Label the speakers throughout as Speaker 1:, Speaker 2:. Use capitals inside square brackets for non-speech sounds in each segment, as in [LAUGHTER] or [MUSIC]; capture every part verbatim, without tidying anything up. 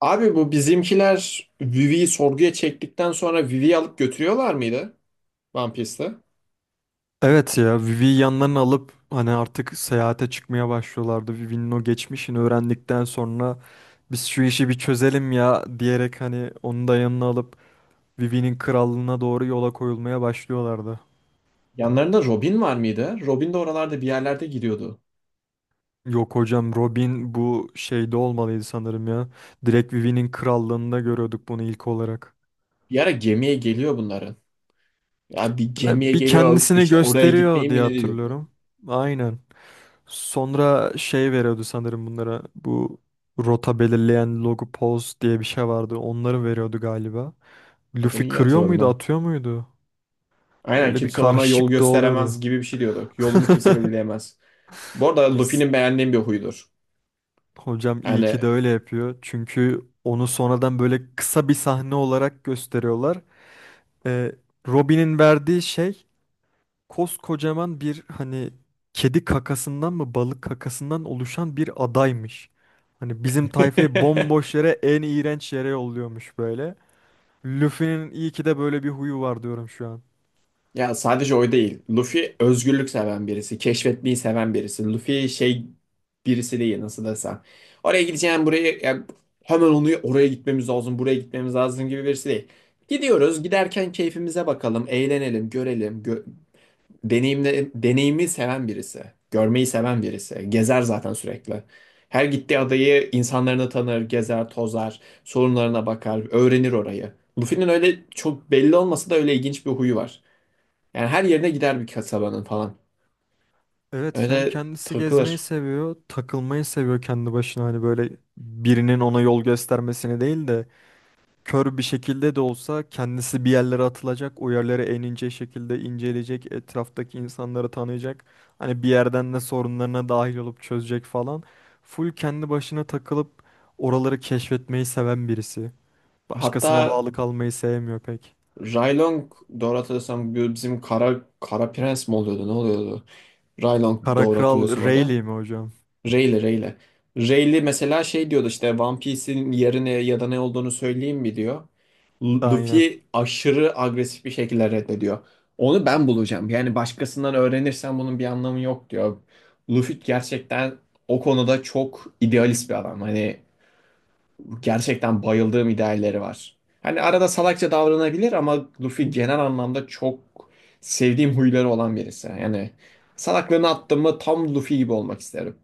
Speaker 1: Abi bu bizimkiler Vivi'yi sorguya çektikten sonra Vivi'yi alıp götürüyorlar mıydı One Piece'te?
Speaker 2: Evet ya Vivi'yi yanlarına alıp hani artık seyahate çıkmaya başlıyorlardı. Vivi'nin o geçmişini öğrendikten sonra biz şu işi bir çözelim ya diyerek hani onu da yanına alıp Vivi'nin krallığına doğru yola koyulmaya başlıyorlardı.
Speaker 1: Yanlarında Robin var mıydı? Robin de oralarda bir yerlerde gidiyordu.
Speaker 2: Yok hocam Robin bu şeyde olmalıydı sanırım ya. Direkt Vivi'nin krallığında görüyorduk bunu ilk olarak.
Speaker 1: Bir ara gemiye geliyor bunların. Ya bir
Speaker 2: Ha,
Speaker 1: gemiye
Speaker 2: bir
Speaker 1: geliyor
Speaker 2: kendisini
Speaker 1: işte oraya
Speaker 2: gösteriyor
Speaker 1: gitmeyin mi
Speaker 2: diye
Speaker 1: ne diyordu.
Speaker 2: hatırlıyorum. Aynen. Sonra şey veriyordu sanırım bunlara bu rota belirleyen logo pose diye bir şey vardı. Onları veriyordu galiba.
Speaker 1: Adını
Speaker 2: Luffy
Speaker 1: iyi
Speaker 2: kırıyor
Speaker 1: hatırladın,
Speaker 2: muydu,
Speaker 1: ha.
Speaker 2: atıyor muydu?
Speaker 1: Aynen,
Speaker 2: Öyle bir
Speaker 1: kimse bana yol
Speaker 2: karışıklık da
Speaker 1: gösteremez
Speaker 2: oluyordu.
Speaker 1: gibi bir şey diyorduk. Yolumu kimse belirleyemez. Bu arada
Speaker 2: S-
Speaker 1: Luffy'nin beğendiğim bir huydur.
Speaker 2: Hocam iyi
Speaker 1: Yani
Speaker 2: ki de öyle yapıyor. Çünkü onu sonradan böyle kısa bir sahne olarak gösteriyorlar. Ee, Robin'in verdiği şey koskocaman bir hani kedi kakasından mı balık kakasından oluşan bir adaymış. Hani bizim tayfayı
Speaker 1: [LAUGHS]
Speaker 2: bomboş yere en iğrenç yere yolluyormuş böyle. Luffy'nin iyi ki de böyle bir huyu var diyorum şu an.
Speaker 1: ya sadece o değil. Luffy özgürlük seven birisi, keşfetmeyi seven birisi. Luffy şey birisi değil, nasıl desem. Oraya gideceğim, buraya ya hemen onu oraya gitmemiz lazım, buraya gitmemiz lazım gibi birisi değil. Gidiyoruz, giderken keyfimize bakalım, eğlenelim, görelim. Gö deneyimle, deneyimi seven birisi, görmeyi seven birisi. Gezer zaten sürekli. Her gittiği adayı, insanlarını tanır, gezer, tozar, sorunlarına bakar, öğrenir orayı. Luffy'nin öyle çok belli olmasa da öyle ilginç bir huyu var. Yani her yerine gider bir kasabanın falan.
Speaker 2: Evet hem
Speaker 1: Öyle
Speaker 2: kendisi gezmeyi
Speaker 1: takılır.
Speaker 2: seviyor, takılmayı seviyor kendi başına hani böyle birinin ona yol göstermesini değil de kör bir şekilde de olsa kendisi bir yerlere atılacak, o yerlere en ince şekilde inceleyecek, etraftaki insanları tanıyacak. Hani bir yerden de sorunlarına dahil olup çözecek falan. Full kendi başına takılıp oraları keşfetmeyi seven birisi. Başkasına
Speaker 1: Hatta
Speaker 2: bağlı kalmayı sevmiyor pek.
Speaker 1: Raylong, doğru hatırlıyorsam, bu bizim Kara, Kara Prens mi oluyordu ne oluyordu? Raylong
Speaker 2: Kara
Speaker 1: doğru hatırlıyorsam
Speaker 2: Kral
Speaker 1: adı.
Speaker 2: Rayleigh mi hocam?
Speaker 1: Rayleigh Rayleigh. Rayleigh mesela şey diyordu işte One Piece'in yerine ya da ne olduğunu söyleyeyim mi diyor. Lu-
Speaker 2: Aynen.
Speaker 1: Luffy aşırı agresif bir şekilde reddediyor. Onu ben bulacağım. Yani başkasından öğrenirsen bunun bir anlamı yok diyor. Luffy gerçekten o konuda çok idealist bir adam. Hani gerçekten bayıldığım idealleri var. Hani arada salakça davranabilir ama Luffy genel anlamda çok sevdiğim huyları olan birisi. Yani salaklığını attım mı tam Luffy gibi olmak isterim.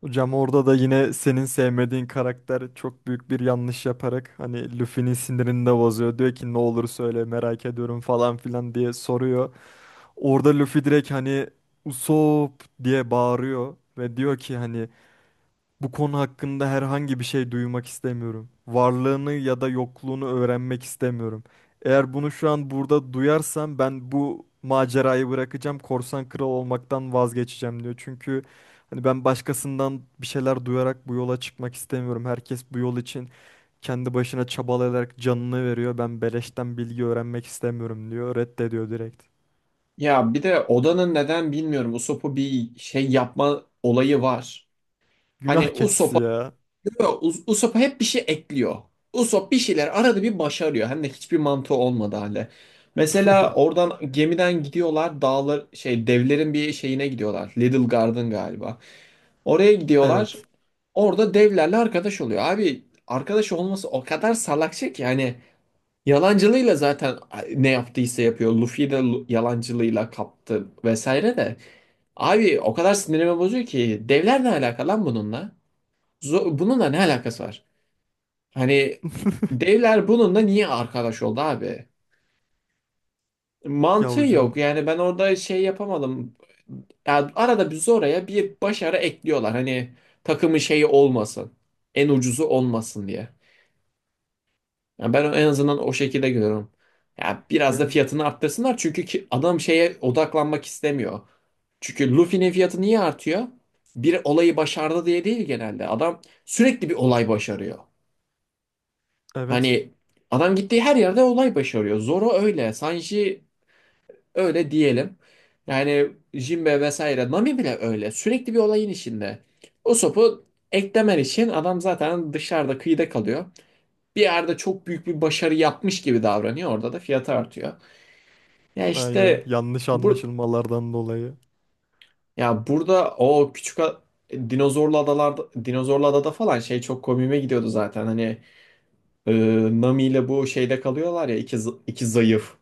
Speaker 2: Hocam orada da yine senin sevmediğin karakter çok büyük bir yanlış yaparak hani Luffy'nin sinirini de bozuyor. Diyor ki ne olur söyle merak ediyorum falan filan diye soruyor. Orada Luffy direkt hani Usopp diye bağırıyor ve diyor ki hani bu konu hakkında herhangi bir şey duymak istemiyorum. Varlığını ya da yokluğunu öğrenmek istemiyorum. Eğer bunu şu an burada duyarsam ben bu macerayı bırakacağım. Korsan kral olmaktan vazgeçeceğim diyor. Çünkü hani ben başkasından bir şeyler duyarak bu yola çıkmak istemiyorum. Herkes bu yol için kendi başına çabalayarak canını veriyor. Ben beleşten bilgi öğrenmek istemiyorum diyor. Reddediyor direkt.
Speaker 1: Ya bir de Oda'nın neden bilmiyorum Usopp'u bir şey yapma olayı var. Hani
Speaker 2: Günah keçisi
Speaker 1: Usopp'a,
Speaker 2: ya.
Speaker 1: yo, Us- Usopp'a hep bir şey ekliyor. Usopp bir şeyler arada bir başarıyor. Hem de hiçbir mantığı olmadı hale. Mesela
Speaker 2: [LAUGHS]
Speaker 1: oradan gemiden gidiyorlar, dağlar, şey, devlerin bir şeyine gidiyorlar. Little Garden galiba. Oraya gidiyorlar.
Speaker 2: Evet.
Speaker 1: Orada devlerle arkadaş oluyor. Abi arkadaş olması o kadar salakça ki hani yalancılığıyla zaten ne yaptıysa yapıyor. Luffy de lu- yalancılığıyla kaptı vesaire de. Abi o kadar sinirimi bozuyor ki devler ne alaka lan bununla? Zo- bununla ne alakası var? Hani
Speaker 2: [LAUGHS]
Speaker 1: devler bununla niye arkadaş oldu abi?
Speaker 2: Ya
Speaker 1: Mantığı yok.
Speaker 2: hocam
Speaker 1: Yani ben orada şey yapamadım. Yani arada bir oraya bir başarı ekliyorlar. Hani takımın şeyi olmasın. En ucuzu olmasın diye. Yani ben en azından o şekilde görüyorum. Ya biraz da
Speaker 2: yani
Speaker 1: fiyatını arttırsınlar çünkü ki adam şeye odaklanmak istemiyor. Çünkü Luffy'nin fiyatı niye artıyor? Bir olayı başardı diye değil genelde. Adam sürekli bir olay başarıyor.
Speaker 2: evet.
Speaker 1: Hani adam gittiği her yerde olay başarıyor. Zoro öyle. Sanji öyle diyelim. Yani Jinbe vesaire Nami bile öyle. Sürekli bir olayın içinde. O sopu eklemen için adam zaten dışarıda, kıyıda kalıyor. Bir yerde çok büyük bir başarı yapmış gibi davranıyor. Orada da fiyatı artıyor. Ya
Speaker 2: Aynen
Speaker 1: işte
Speaker 2: yanlış
Speaker 1: bu,
Speaker 2: anlaşılmalardan dolayı.
Speaker 1: ya burada o küçük a- dinozorlu adalarda, dinozorlu adada falan şey çok komiğime gidiyordu zaten. Hani e, Nami ile bu şeyde kalıyorlar ya, iki, zı- iki zayıf.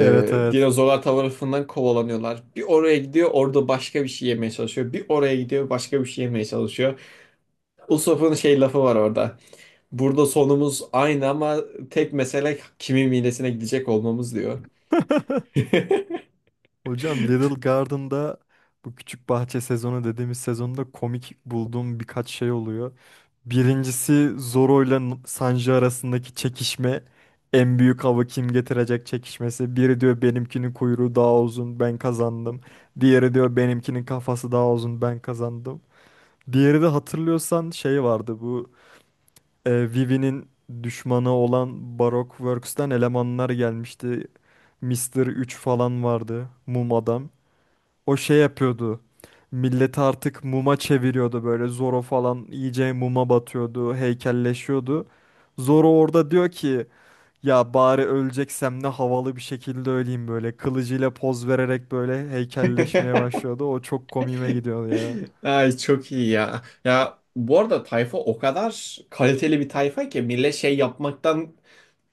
Speaker 2: Evet, evet.
Speaker 1: dinozorlar tarafından kovalanıyorlar. Bir oraya gidiyor, orada başka bir şey yemeye çalışıyor. Bir oraya gidiyor, başka bir şey yemeye çalışıyor. Usopp'un şey lafı var orada. Burada sonumuz aynı ama tek mesele kimin midesine gidecek olmamız diyor.
Speaker 2: [LAUGHS] Hocam Little Garden'da bu küçük bahçe sezonu dediğimiz sezonda komik bulduğum birkaç şey oluyor. Birincisi Zoro ile N- Sanji arasındaki çekişme. En büyük avı kim getirecek çekişmesi. Biri diyor benimkinin kuyruğu daha uzun ben kazandım. Diğeri diyor benimkinin kafası daha uzun ben kazandım. Diğeri de hatırlıyorsan şey vardı bu e, Vivi'nin düşmanı olan Baroque Works'ten elemanlar gelmişti. Mister üç falan vardı. Mum adam. O şey yapıyordu. Milleti artık muma çeviriyordu böyle. Zoro falan iyice muma batıyordu. Heykelleşiyordu. Zoro orada diyor ki ya bari öleceksem ne havalı bir şekilde öleyim böyle. Kılıcıyla poz vererek böyle heykelleşmeye başlıyordu. O çok komiğime gidiyordu ya.
Speaker 1: Ay çok iyi ya. Ya bu arada tayfa o kadar kaliteli bir tayfa ki millet şey yapmaktan,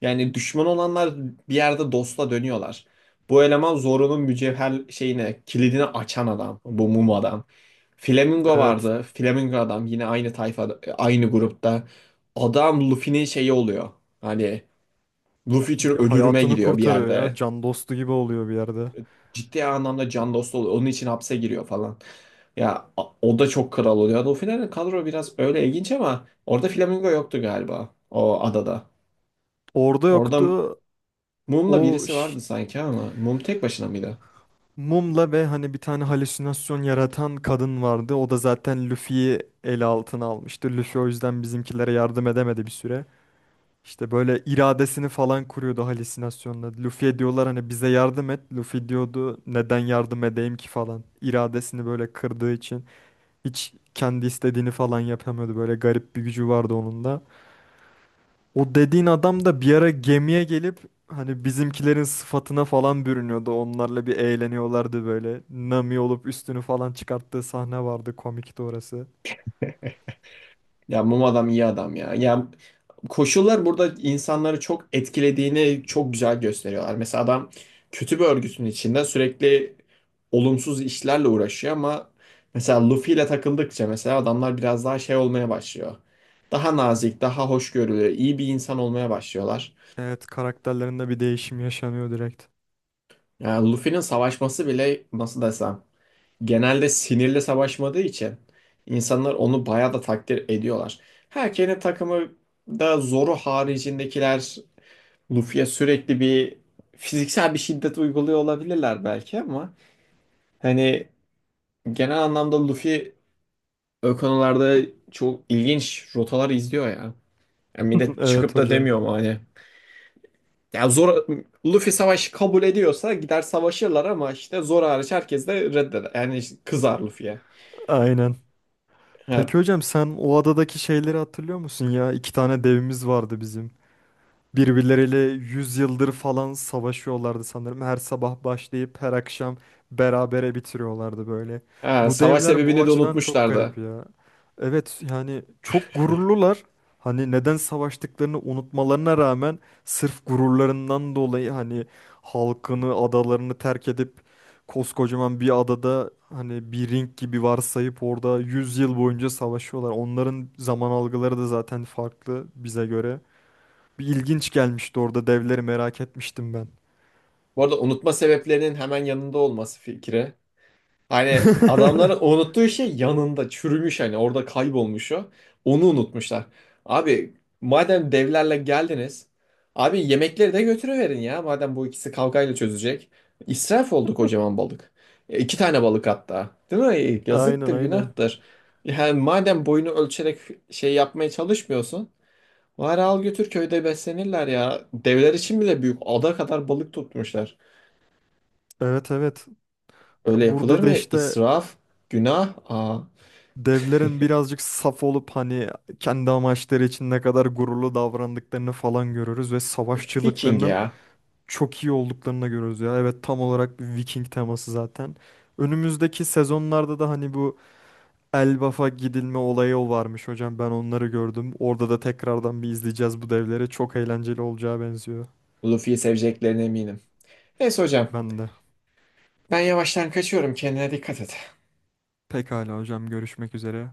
Speaker 1: yani düşman olanlar bir yerde dostla dönüyorlar. Bu eleman Zoro'nun mücevher şeyine kilidini açan adam. Bu mum adam. Flamingo
Speaker 2: Evet.
Speaker 1: vardı. Flamingo adam yine aynı tayfa, aynı grupta. Adam Luffy'nin şeyi oluyor. Hani Luffy için
Speaker 2: Ya
Speaker 1: ölürüme
Speaker 2: hayatını
Speaker 1: gidiyor bir
Speaker 2: kurtarıyor ya.
Speaker 1: yerde.
Speaker 2: Can dostu gibi oluyor bir yerde.
Speaker 1: Ciddi anlamda can dostu oluyor. Onun için hapse giriyor falan. Ya a- o da çok kral oluyor. O finalde kadro biraz öyle ilginç ama orada Flamingo yoktu galiba o adada.
Speaker 2: Orada
Speaker 1: Orada
Speaker 2: yoktu.
Speaker 1: Mum'la
Speaker 2: O
Speaker 1: birisi
Speaker 2: ş-
Speaker 1: vardı sanki, ama Mum tek başına mıydı?
Speaker 2: Mumla ve hani bir tane halüsinasyon yaratan kadın vardı. O da zaten Luffy'yi ele altına almıştı. Luffy o yüzden bizimkilere yardım edemedi bir süre. İşte böyle iradesini falan kuruyordu halüsinasyonla. Luffy'ye diyorlar hani bize yardım et. Luffy diyordu neden yardım edeyim ki falan. İradesini böyle kırdığı için hiç kendi istediğini falan yapamıyordu. Böyle garip bir gücü vardı onun da. O dediğin adam da bir ara gemiye gelip hani bizimkilerin sıfatına falan bürünüyordu. Onlarla bir eğleniyorlardı böyle. Nami olup üstünü falan çıkarttığı sahne vardı. Komikti orası.
Speaker 1: Ya Mum adam iyi adam ya. Ya koşullar burada insanları çok etkilediğini çok güzel gösteriyorlar. Mesela adam kötü bir örgütün içinde sürekli olumsuz işlerle uğraşıyor ama mesela Luffy ile takıldıkça mesela adamlar biraz daha şey olmaya başlıyor. Daha nazik, daha hoşgörülü, iyi bir insan olmaya başlıyorlar.
Speaker 2: Evet karakterlerinde bir değişim yaşanıyor direkt.
Speaker 1: Yani Luffy'nin savaşması bile nasıl desem, genelde sinirli savaşmadığı için insanlar onu bayağı da takdir ediyorlar. Her takımı da zoru haricindekiler Luffy'ye sürekli bir fiziksel bir şiddet uyguluyor olabilirler belki ama hani genel anlamda Luffy o konularda çok ilginç rotalar izliyor ya. Yani
Speaker 2: [LAUGHS]
Speaker 1: millet
Speaker 2: Evet
Speaker 1: çıkıp da
Speaker 2: hocam.
Speaker 1: demiyor mu hani ya zor Luffy savaşı kabul ediyorsa gider savaşırlar ama işte zor hariç herkes de reddeder. Yani işte kızar Luffy'ye.
Speaker 2: Aynen.
Speaker 1: Ha.
Speaker 2: Peki hocam sen o adadaki şeyleri hatırlıyor musun ya? İki tane devimiz vardı bizim. Birbirleriyle yüz yıldır falan savaşıyorlardı sanırım. Her sabah başlayıp her akşam berabere bitiriyorlardı böyle.
Speaker 1: ha,
Speaker 2: Bu
Speaker 1: savaş
Speaker 2: devler bu
Speaker 1: sebebini de
Speaker 2: açıdan çok garip
Speaker 1: unutmuşlardı.
Speaker 2: ya. Evet yani çok gururlular. Hani neden savaştıklarını unutmalarına rağmen sırf gururlarından dolayı hani halkını, adalarını terk edip koskocaman bir adada hani bir ring gibi varsayıp orada yüz yıl boyunca savaşıyorlar. Onların zaman algıları da zaten farklı bize göre. Bir ilginç gelmişti orada devleri merak etmiştim ben.
Speaker 1: Bu arada unutma sebeplerinin hemen yanında olması fikri. Hani adamların
Speaker 2: [LAUGHS]
Speaker 1: unuttuğu şey yanında çürümüş, hani orada kaybolmuş o. Onu unutmuşlar. Abi madem devlerle geldiniz. Abi yemekleri de götürüverin ya. Madem bu ikisi kavgayla çözecek. İsraf oldu kocaman balık. E, iki tane balık hatta. Değil mi? E,
Speaker 2: Aynen,
Speaker 1: Yazıktır,
Speaker 2: aynen.
Speaker 1: günahtır. Yani madem boyunu ölçerek şey yapmaya çalışmıyorsun. Bari al götür, köyde beslenirler ya. Devler için bile büyük ada kadar balık tutmuşlar.
Speaker 2: Evet, evet.
Speaker 1: Öyle
Speaker 2: Ya
Speaker 1: yapılır
Speaker 2: burada da
Speaker 1: mı?
Speaker 2: işte
Speaker 1: İsraf, günah. Aa.
Speaker 2: devlerin
Speaker 1: [LAUGHS]
Speaker 2: birazcık saf olup hani kendi amaçları için ne kadar gururlu davrandıklarını falan görürüz ve
Speaker 1: E, Viking
Speaker 2: savaşçılıklarının
Speaker 1: ya.
Speaker 2: çok iyi olduklarını görürüz ya. Evet tam olarak bir Viking teması zaten. Önümüzdeki sezonlarda da hani bu Elbaf'a gidilme olayı o varmış hocam. Ben onları gördüm. Orada da tekrardan bir izleyeceğiz bu devleri. Çok eğlenceli olacağı benziyor.
Speaker 1: Luffy'yi seveceklerine eminim. Neyse hocam.
Speaker 2: Ben de.
Speaker 1: Ben yavaştan kaçıyorum. Kendine dikkat et.
Speaker 2: Pekala hocam görüşmek üzere.